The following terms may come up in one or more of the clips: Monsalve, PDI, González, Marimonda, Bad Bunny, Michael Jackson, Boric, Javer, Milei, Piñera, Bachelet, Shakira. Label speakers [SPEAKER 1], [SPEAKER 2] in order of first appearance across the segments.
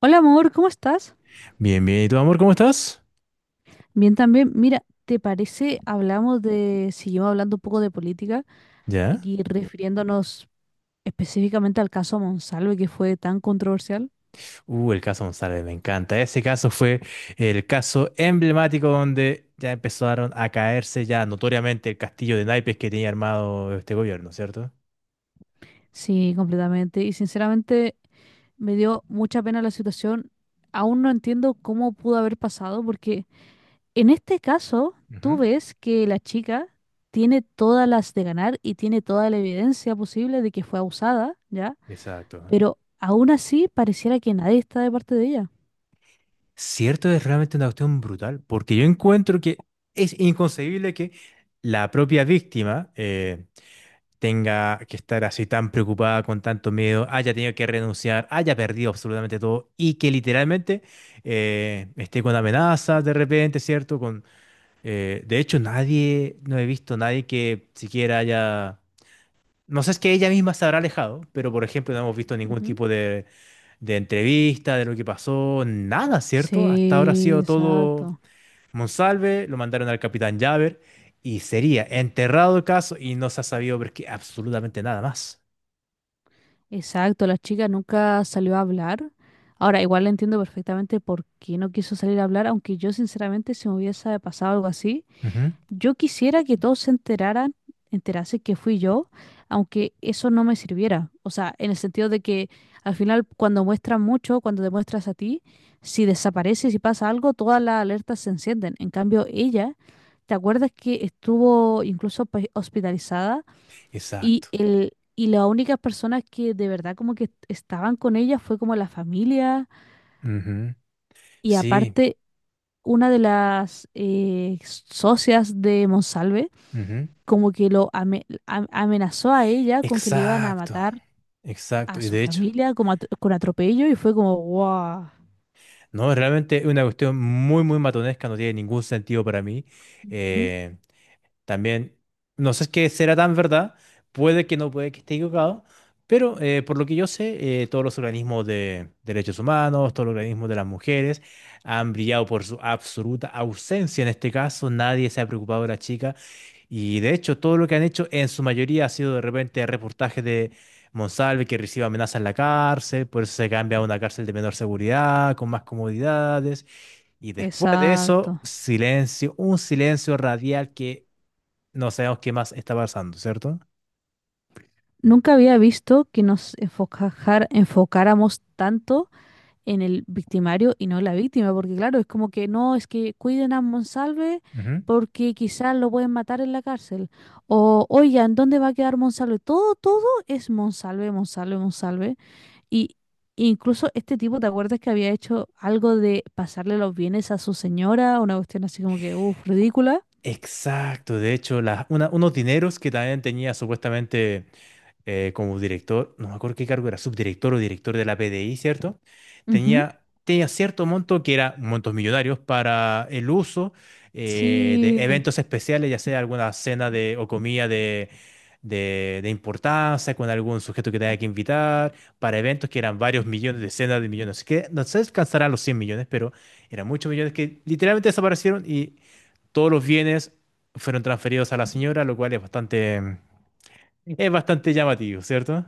[SPEAKER 1] Hola amor, ¿cómo estás?
[SPEAKER 2] Bien, bien. ¿Y tú, amor, cómo estás?
[SPEAKER 1] Bien también. Mira, ¿te parece seguimos hablando un poco de política
[SPEAKER 2] ¿Ya?
[SPEAKER 1] y refiriéndonos específicamente al caso Monsalve que fue tan controversial?
[SPEAKER 2] El caso González, me encanta. Ese caso fue el caso emblemático donde ya empezaron a caerse ya notoriamente el castillo de naipes que tenía armado este gobierno, ¿cierto?
[SPEAKER 1] Sí, completamente. Y sinceramente me dio mucha pena la situación. Aún no entiendo cómo pudo haber pasado porque en este caso tú
[SPEAKER 2] Ujú.
[SPEAKER 1] ves que la chica tiene todas las de ganar y tiene toda la evidencia posible de que fue abusada, ¿ya?
[SPEAKER 2] Exacto.
[SPEAKER 1] Pero aún así pareciera que nadie está de parte de ella.
[SPEAKER 2] Cierto, es realmente una cuestión brutal, porque yo encuentro que es inconcebible que la propia víctima, tenga que estar así tan preocupada, con tanto miedo, haya tenido que renunciar, haya perdido absolutamente todo y que literalmente esté con amenazas de repente, ¿cierto? De hecho, nadie, no he visto nadie que siquiera haya. No sé, es que ella misma se habrá alejado, pero por ejemplo no hemos visto ningún
[SPEAKER 1] Ujú.
[SPEAKER 2] tipo de entrevista, de lo que pasó, nada, ¿cierto? Hasta ahora ha
[SPEAKER 1] Sí,
[SPEAKER 2] sido todo
[SPEAKER 1] exacto.
[SPEAKER 2] Monsalve, lo mandaron al capitán Javer y sería enterrado el caso y no se ha sabido ver que absolutamente nada más.
[SPEAKER 1] Exacto, la chica nunca salió a hablar. Ahora, igual le entiendo perfectamente por qué no quiso salir a hablar, aunque yo sinceramente si me hubiese pasado algo así,
[SPEAKER 2] Ujú.
[SPEAKER 1] yo quisiera que todos se enteraran, enterase que fui yo, aunque eso no me sirviera. O sea, en el sentido de que al final cuando muestran mucho, cuando te muestras a ti, si desapareces y pasa algo, todas las alertas se encienden. En cambio, ella, ¿te acuerdas que estuvo incluso pues, hospitalizada? Y,
[SPEAKER 2] Exacto.
[SPEAKER 1] el, y las únicas personas que de verdad como que estaban con ella fue como la familia
[SPEAKER 2] Ujú.
[SPEAKER 1] y
[SPEAKER 2] Sí.
[SPEAKER 1] aparte una de las socias de Monsalve
[SPEAKER 2] Ujú.
[SPEAKER 1] como que lo amenazó a ella con que le iban a
[SPEAKER 2] Exacto.
[SPEAKER 1] matar
[SPEAKER 2] Exacto.
[SPEAKER 1] a
[SPEAKER 2] Y
[SPEAKER 1] su
[SPEAKER 2] de hecho,
[SPEAKER 1] familia como con atropello y fue como wow.
[SPEAKER 2] no, realmente es una cuestión muy, muy matonesca, no tiene ningún sentido para mí. eh, También, no sé qué será tan verdad, puede que no, puede que esté equivocado, pero por lo que yo sé, todos los organismos de derechos humanos, todos los organismos de las mujeres han brillado por su absoluta ausencia en este caso, nadie se ha preocupado de la chica y de hecho todo lo que han hecho en su mayoría ha sido de repente reportajes de Monsalve que recibe amenazas en la cárcel, por eso se cambia a una cárcel de menor seguridad, con más comodidades. Y después de eso,
[SPEAKER 1] Exacto.
[SPEAKER 2] silencio, un silencio radial que no sabemos qué más está pasando, ¿cierto?
[SPEAKER 1] Nunca había visto que nos enfocáramos tanto en el victimario y no en la víctima, porque claro, es como que no, es que cuiden a Monsalve
[SPEAKER 2] Ujú.
[SPEAKER 1] porque quizás lo pueden matar en la cárcel. O, oigan, ¿dónde va a quedar Monsalve? Todo, todo es Monsalve, Monsalve, Monsalve. Y incluso este tipo, ¿te acuerdas que había hecho algo de pasarle los bienes a su señora? Una cuestión así como que, uff, ridícula.
[SPEAKER 2] Exacto, de hecho, unos dineros que también tenía supuestamente como director, no me acuerdo qué cargo era, subdirector o director de la PDI, ¿cierto?
[SPEAKER 1] Ujú.
[SPEAKER 2] Tenía cierto monto que era montos millonarios para el uso de
[SPEAKER 1] Sí.
[SPEAKER 2] eventos especiales, ya sea alguna cena de, o comida de importancia con algún sujeto que tenía que invitar, para eventos que eran varios millones, decenas de millones. Así que no se alcanzarán los 100 millones, pero eran muchos millones que literalmente desaparecieron y todos los bienes fueron transferidos a la señora, lo cual es bastante llamativo, ¿cierto?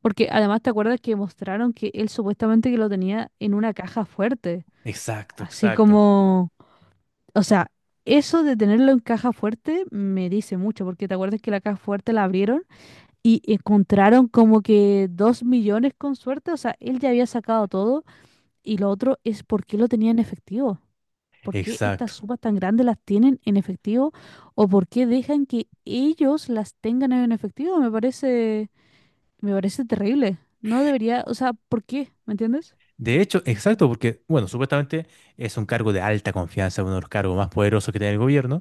[SPEAKER 1] Porque además te acuerdas que mostraron que él supuestamente que lo tenía en una caja fuerte,
[SPEAKER 2] Exacto,
[SPEAKER 1] así
[SPEAKER 2] exacto,
[SPEAKER 1] como, o sea, eso de tenerlo en caja fuerte me dice mucho, porque te acuerdas que la caja fuerte la abrieron y encontraron como que 2 millones con suerte. O sea, él ya había sacado todo. Y lo otro es por qué lo tenía en efectivo. ¿Por qué estas
[SPEAKER 2] exacto.
[SPEAKER 1] sumas tan grandes las tienen en efectivo? ¿O por qué dejan que ellos las tengan en efectivo? Me parece terrible. No debería, o sea, ¿por qué? ¿Me entiendes?
[SPEAKER 2] De hecho, exacto, porque, bueno, supuestamente es un cargo de alta confianza, uno de los cargos más poderosos que tiene el gobierno,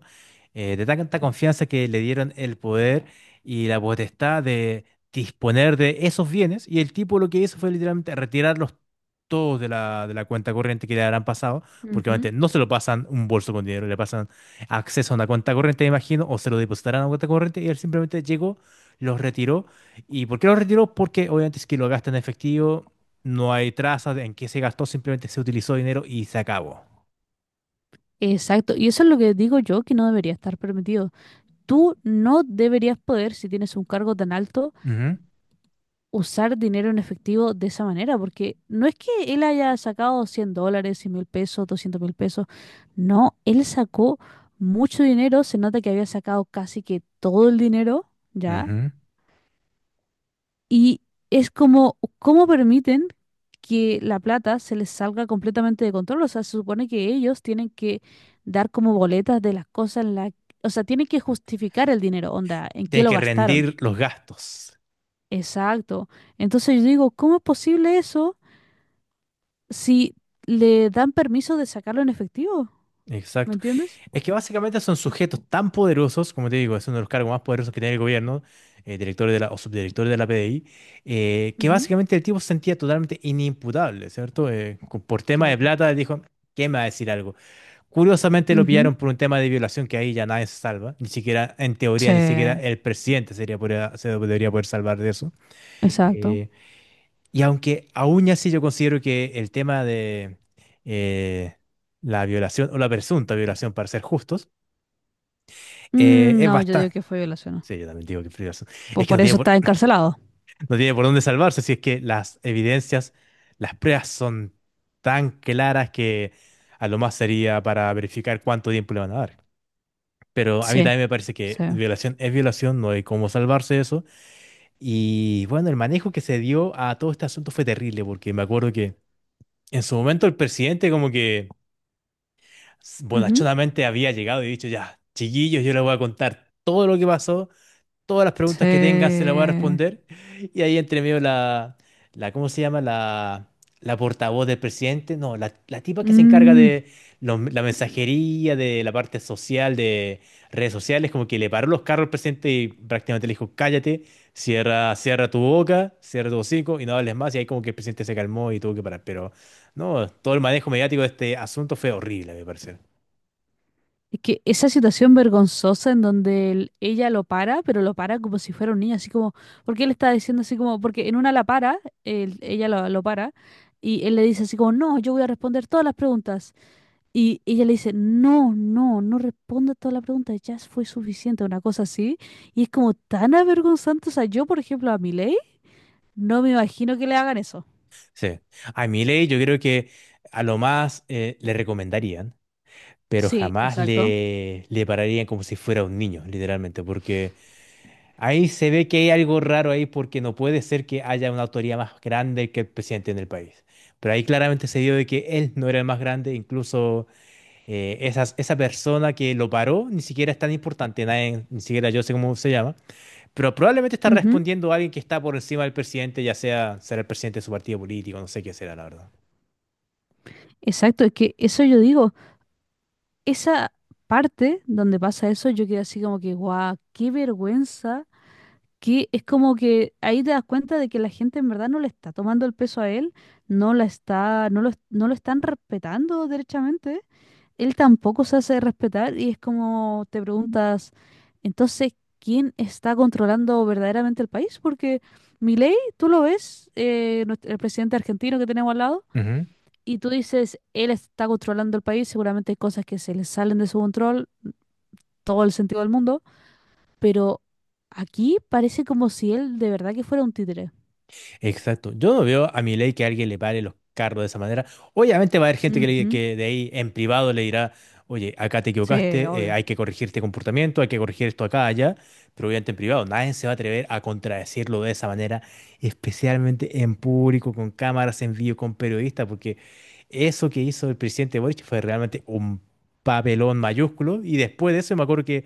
[SPEAKER 2] de tanta confianza que le dieron el poder y la potestad de disponer de esos bienes, y el tipo lo que hizo fue literalmente retirarlos todos de la cuenta corriente que le habrán pasado, porque
[SPEAKER 1] Ujú.
[SPEAKER 2] obviamente no se lo pasan un bolso con dinero, le pasan acceso a una cuenta corriente, me imagino, o se lo depositarán a una cuenta corriente, y él simplemente llegó, los retiró. ¿Y por qué los retiró? Porque obviamente es que lo gasta en efectivo. No hay trazas de en qué se gastó, simplemente se utilizó dinero y se acabó.
[SPEAKER 1] Exacto. Y eso es lo que digo yo, que no debería estar permitido. Tú no deberías poder, si tienes un cargo tan alto,
[SPEAKER 2] Ujú,
[SPEAKER 1] usar dinero en efectivo de esa manera, porque no es que él haya sacado $100, $100.000, $200.000. No, él sacó mucho dinero, se nota que había sacado casi que todo el dinero, ¿ya?
[SPEAKER 2] ujú.
[SPEAKER 1] Y es como, ¿cómo permiten que la plata se les salga completamente de control? O sea, se supone que ellos tienen que dar como boletas de las cosas en la... O sea, tienen que justificar el dinero, onda, en qué
[SPEAKER 2] Tiene
[SPEAKER 1] lo
[SPEAKER 2] que
[SPEAKER 1] gastaron.
[SPEAKER 2] rendir los gastos.
[SPEAKER 1] Exacto. Entonces yo digo, ¿cómo es posible eso si le dan permiso de sacarlo en efectivo? ¿Me
[SPEAKER 2] Exacto.
[SPEAKER 1] entiendes?
[SPEAKER 2] Es que básicamente son sujetos tan poderosos, como te digo, es uno de los cargos más poderosos que tiene el gobierno, director de la, o subdirector de la PDI, que
[SPEAKER 1] Ujú.
[SPEAKER 2] básicamente el tipo se sentía totalmente inimputable, ¿cierto? Por tema de
[SPEAKER 1] Exacto.
[SPEAKER 2] plata dijo, ¿qué me va a decir algo? Curiosamente lo
[SPEAKER 1] Ujú.
[SPEAKER 2] pillaron por un tema de violación que ahí ya nadie se salva, ni siquiera, en teoría,
[SPEAKER 1] Sí,
[SPEAKER 2] ni siquiera el presidente se debería poder salvar de eso.
[SPEAKER 1] exacto.
[SPEAKER 2] Eh, y aunque aún así yo considero que el tema de eh, la violación o la presunta violación, para ser justos,
[SPEAKER 1] Mm,
[SPEAKER 2] es
[SPEAKER 1] no, yo digo
[SPEAKER 2] bastante.
[SPEAKER 1] que fue violación, ¿no?
[SPEAKER 2] Sí, yo también digo que es violación.
[SPEAKER 1] Por,
[SPEAKER 2] Es que no
[SPEAKER 1] por
[SPEAKER 2] tiene
[SPEAKER 1] eso
[SPEAKER 2] por,
[SPEAKER 1] está encarcelado.
[SPEAKER 2] No tiene por dónde salvarse si es que las evidencias, las pruebas son tan claras que a lo más sería para verificar cuánto tiempo le van a dar. Pero a mí
[SPEAKER 1] Sí,
[SPEAKER 2] también me parece
[SPEAKER 1] sí.
[SPEAKER 2] que violación es violación, no hay cómo salvarse de eso. Y bueno, el manejo que se dio a todo este asunto fue terrible, porque me acuerdo que en su momento el presidente como que
[SPEAKER 1] Ujú.
[SPEAKER 2] bonachonamente había llegado y dicho, ya, chiquillos, yo les voy a contar todo lo que pasó. Todas las preguntas que tengas se las voy a
[SPEAKER 1] Sí.
[SPEAKER 2] responder. Y ahí entre medio la ¿cómo se llama? La portavoz del presidente. No, la tipa que se encarga
[SPEAKER 1] Mm.
[SPEAKER 2] de la mensajería, de la parte social, de redes sociales, como que le paró los carros al presidente y prácticamente le dijo, cállate, cierra tu boca, cierra tu hocico y no hables más. Y ahí como que el presidente se calmó y tuvo que parar. Pero no, todo el manejo mediático de este asunto fue horrible, a mi parecer.
[SPEAKER 1] Es que esa situación vergonzosa en donde ella lo para, pero lo para como si fuera un niño, así como, porque él está diciendo así como, porque en una la para, ella lo para, y él le dice así como, no, yo voy a responder todas las preguntas. Y ella le dice, no, no, no responda todas las preguntas, ya fue suficiente, una cosa así. Y es como tan avergonzante, o sea, yo, por ejemplo, a Miley, no me imagino que le hagan eso.
[SPEAKER 2] Sí. A Milei yo creo que a lo más le recomendaría pero
[SPEAKER 1] Sí,
[SPEAKER 2] jamás
[SPEAKER 1] exacto.
[SPEAKER 2] le pararían como si fuera un niño, literalmente, porque ahí se ve que hay algo raro ahí porque no puede ser que haya una autoría más grande que el presidente en el país. Pero ahí claramente se dio de que él no era el más grande, incluso esa persona que lo paró ni siquiera es tan importante, nadie, ni siquiera yo sé cómo se llama, pero probablemente está
[SPEAKER 1] Ujú.
[SPEAKER 2] respondiendo a alguien que está por encima del presidente, ya sea será el presidente de su partido político, no sé qué será, la verdad.
[SPEAKER 1] Exacto, es que eso yo digo. Esa parte donde pasa eso, yo quedé así como que, guau, qué vergüenza, que es como que ahí te das cuenta de que la gente en verdad no le está tomando el peso a él, no lo están respetando derechamente, él tampoco se hace respetar y es como te preguntas, entonces, ¿quién está controlando verdaderamente el país? Porque Milei, tú lo ves, el presidente argentino que tenemos al lado, y tú dices, él está controlando el país, seguramente hay cosas que se le salen de su control, todo el sentido del mundo, pero aquí parece como si él de verdad que fuera un títere.
[SPEAKER 2] Exacto. Yo no veo a Milei que alguien le pare los carros de esa manera. Obviamente va a haber gente que, le-
[SPEAKER 1] Ujú.
[SPEAKER 2] que de ahí en privado le dirá, oye, acá te
[SPEAKER 1] Sí,
[SPEAKER 2] equivocaste,
[SPEAKER 1] obvio.
[SPEAKER 2] hay que corregir este comportamiento, hay que corregir esto acá, allá, pero obviamente en privado. Nadie se va a atrever a contradecirlo de esa manera, especialmente en público, con cámaras en vivo, con periodistas, porque eso que hizo el presidente Boric fue realmente un papelón mayúsculo. Y después de eso me acuerdo que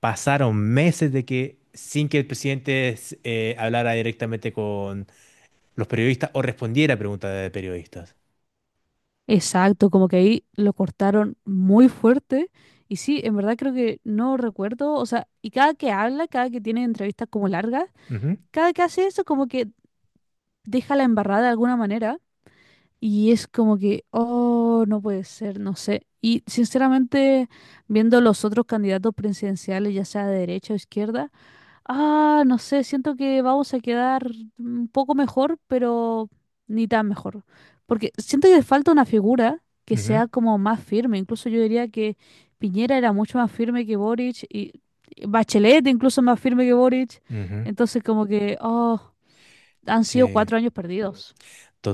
[SPEAKER 2] pasaron meses de que sin que el presidente hablara directamente los periodistas o respondiera a preguntas de periodistas.
[SPEAKER 1] Exacto, como que ahí lo cortaron muy fuerte. Y sí, en verdad creo que no recuerdo, o sea, y cada que habla, cada que tiene entrevistas como largas,
[SPEAKER 2] Ujú,
[SPEAKER 1] cada que hace eso como que deja la embarrada de alguna manera. Y es como que, oh, no puede ser, no sé. Y sinceramente, viendo los otros candidatos presidenciales, ya sea de derecha o izquierda, ah, no sé, siento que vamos a quedar un poco mejor, pero ni tan mejor. Porque siento que falta una figura que
[SPEAKER 2] ujú,
[SPEAKER 1] sea como más firme. Incluso yo diría que Piñera era mucho más firme que Boric y Bachelet incluso más firme que Boric.
[SPEAKER 2] ujú.
[SPEAKER 1] Entonces como que, oh, han sido
[SPEAKER 2] Sí,
[SPEAKER 1] 4 años perdidos,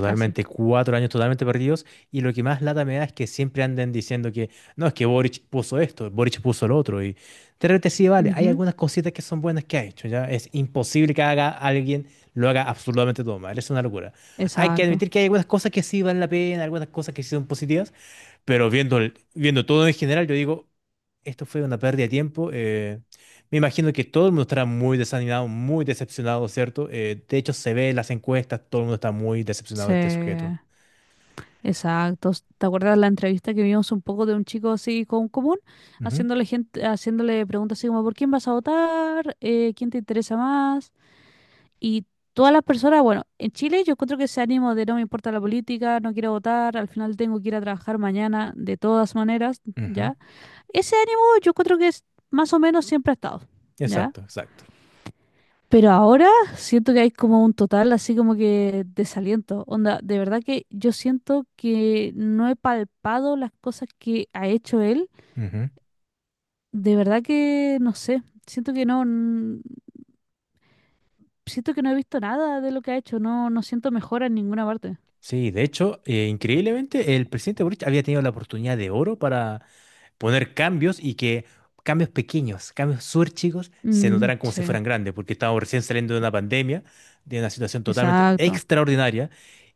[SPEAKER 1] casi.
[SPEAKER 2] cuatro años totalmente perdidos. Y lo que más lata me da es que siempre anden diciendo que no, es que Boric puso esto, Boric puso lo otro. Y de repente sí, vale, hay
[SPEAKER 1] Ujú.
[SPEAKER 2] algunas cositas que son buenas que ha hecho, ¿ya? Es imposible que haga alguien lo haga absolutamente todo mal, es una locura. Hay que
[SPEAKER 1] Exacto.
[SPEAKER 2] admitir que hay algunas cosas que sí valen la pena, algunas cosas que sí son positivas. Pero viendo, viendo todo en general, yo digo, esto fue una pérdida de tiempo. Me imagino que todo el mundo estará muy desanimado, muy decepcionado, ¿cierto? De hecho, se ve en las encuestas, todo el mundo está muy decepcionado
[SPEAKER 1] Sí.
[SPEAKER 2] de este sujeto.
[SPEAKER 1] Exacto. ¿Te acuerdas la entrevista que vimos un poco de un chico así con común,
[SPEAKER 2] Ujú,
[SPEAKER 1] haciéndole gente, haciéndole preguntas así como, ¿por quién vas a votar? ¿Quién te interesa más? Y todas las personas, bueno, en Chile yo encuentro que ese ánimo de no me importa la política, no quiero votar, al final tengo que ir a trabajar mañana, de todas maneras,
[SPEAKER 2] ujú.
[SPEAKER 1] ¿ya? Ese ánimo yo encuentro que es más o menos siempre ha estado, ¿ya?
[SPEAKER 2] Exacto, exacto.
[SPEAKER 1] Pero ahora siento que hay como un total así como que desaliento. Onda, de verdad que yo siento que no he palpado las cosas que ha hecho él.
[SPEAKER 2] Ujú.
[SPEAKER 1] De verdad que no sé. Siento que no, siento que no he visto nada de lo que ha hecho. No, no siento mejora en ninguna parte.
[SPEAKER 2] Sí, de hecho, increíblemente, el presidente Boric había tenido la oportunidad de oro para poner cambios y que cambios pequeños, cambios súper chicos, se
[SPEAKER 1] Mm,
[SPEAKER 2] notaran como si
[SPEAKER 1] sí,
[SPEAKER 2] fueran grandes, porque estábamos recién saliendo de una pandemia, de una situación totalmente
[SPEAKER 1] exacto.
[SPEAKER 2] extraordinaria,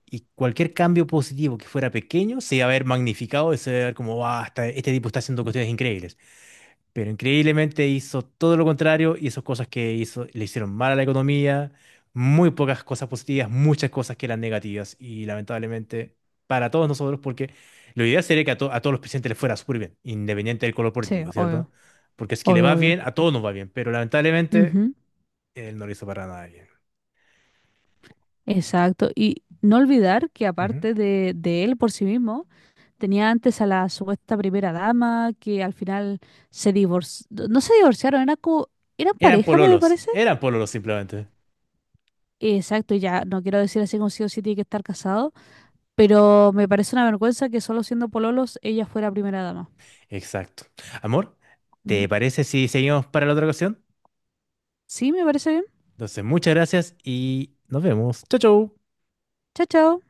[SPEAKER 2] y cualquier cambio positivo que fuera pequeño se iba a ver magnificado y se iba a ver como, "Guau, este tipo está haciendo cuestiones increíbles", pero increíblemente hizo todo lo contrario, hizo cosas que hizo, le hicieron mal a la economía, muy pocas cosas positivas, muchas cosas que eran negativas y lamentablemente para todos nosotros, porque lo ideal sería que a todos los presidentes les fuera súper bien, independiente del color
[SPEAKER 1] Sí,
[SPEAKER 2] político, ¿cierto?
[SPEAKER 1] obvio,
[SPEAKER 2] Porque si es que le va
[SPEAKER 1] obvio,
[SPEAKER 2] bien,
[SPEAKER 1] obvio.
[SPEAKER 2] a todos nos va bien, pero lamentablemente
[SPEAKER 1] Ujú.
[SPEAKER 2] él no lo hizo para nada bien.
[SPEAKER 1] Exacto. Y no olvidar que
[SPEAKER 2] Ujú.
[SPEAKER 1] aparte de él por sí mismo. Tenía antes a la supuesta primera dama que al final se divorció. No se divorciaron, era como, eran pareja, me parece.
[SPEAKER 2] Eran pololos simplemente.
[SPEAKER 1] Exacto, y ya no quiero decir así como sí o sí tiene que estar casado, pero me parece una vergüenza que solo siendo pololos ella fuera primera dama.
[SPEAKER 2] Exacto. Amor, ¿te
[SPEAKER 1] Ujú.
[SPEAKER 2] parece si seguimos para la otra ocasión?
[SPEAKER 1] Sí, me parece bien.
[SPEAKER 2] Entonces, muchas gracias y nos vemos. Chau, chau.
[SPEAKER 1] Chao, chao.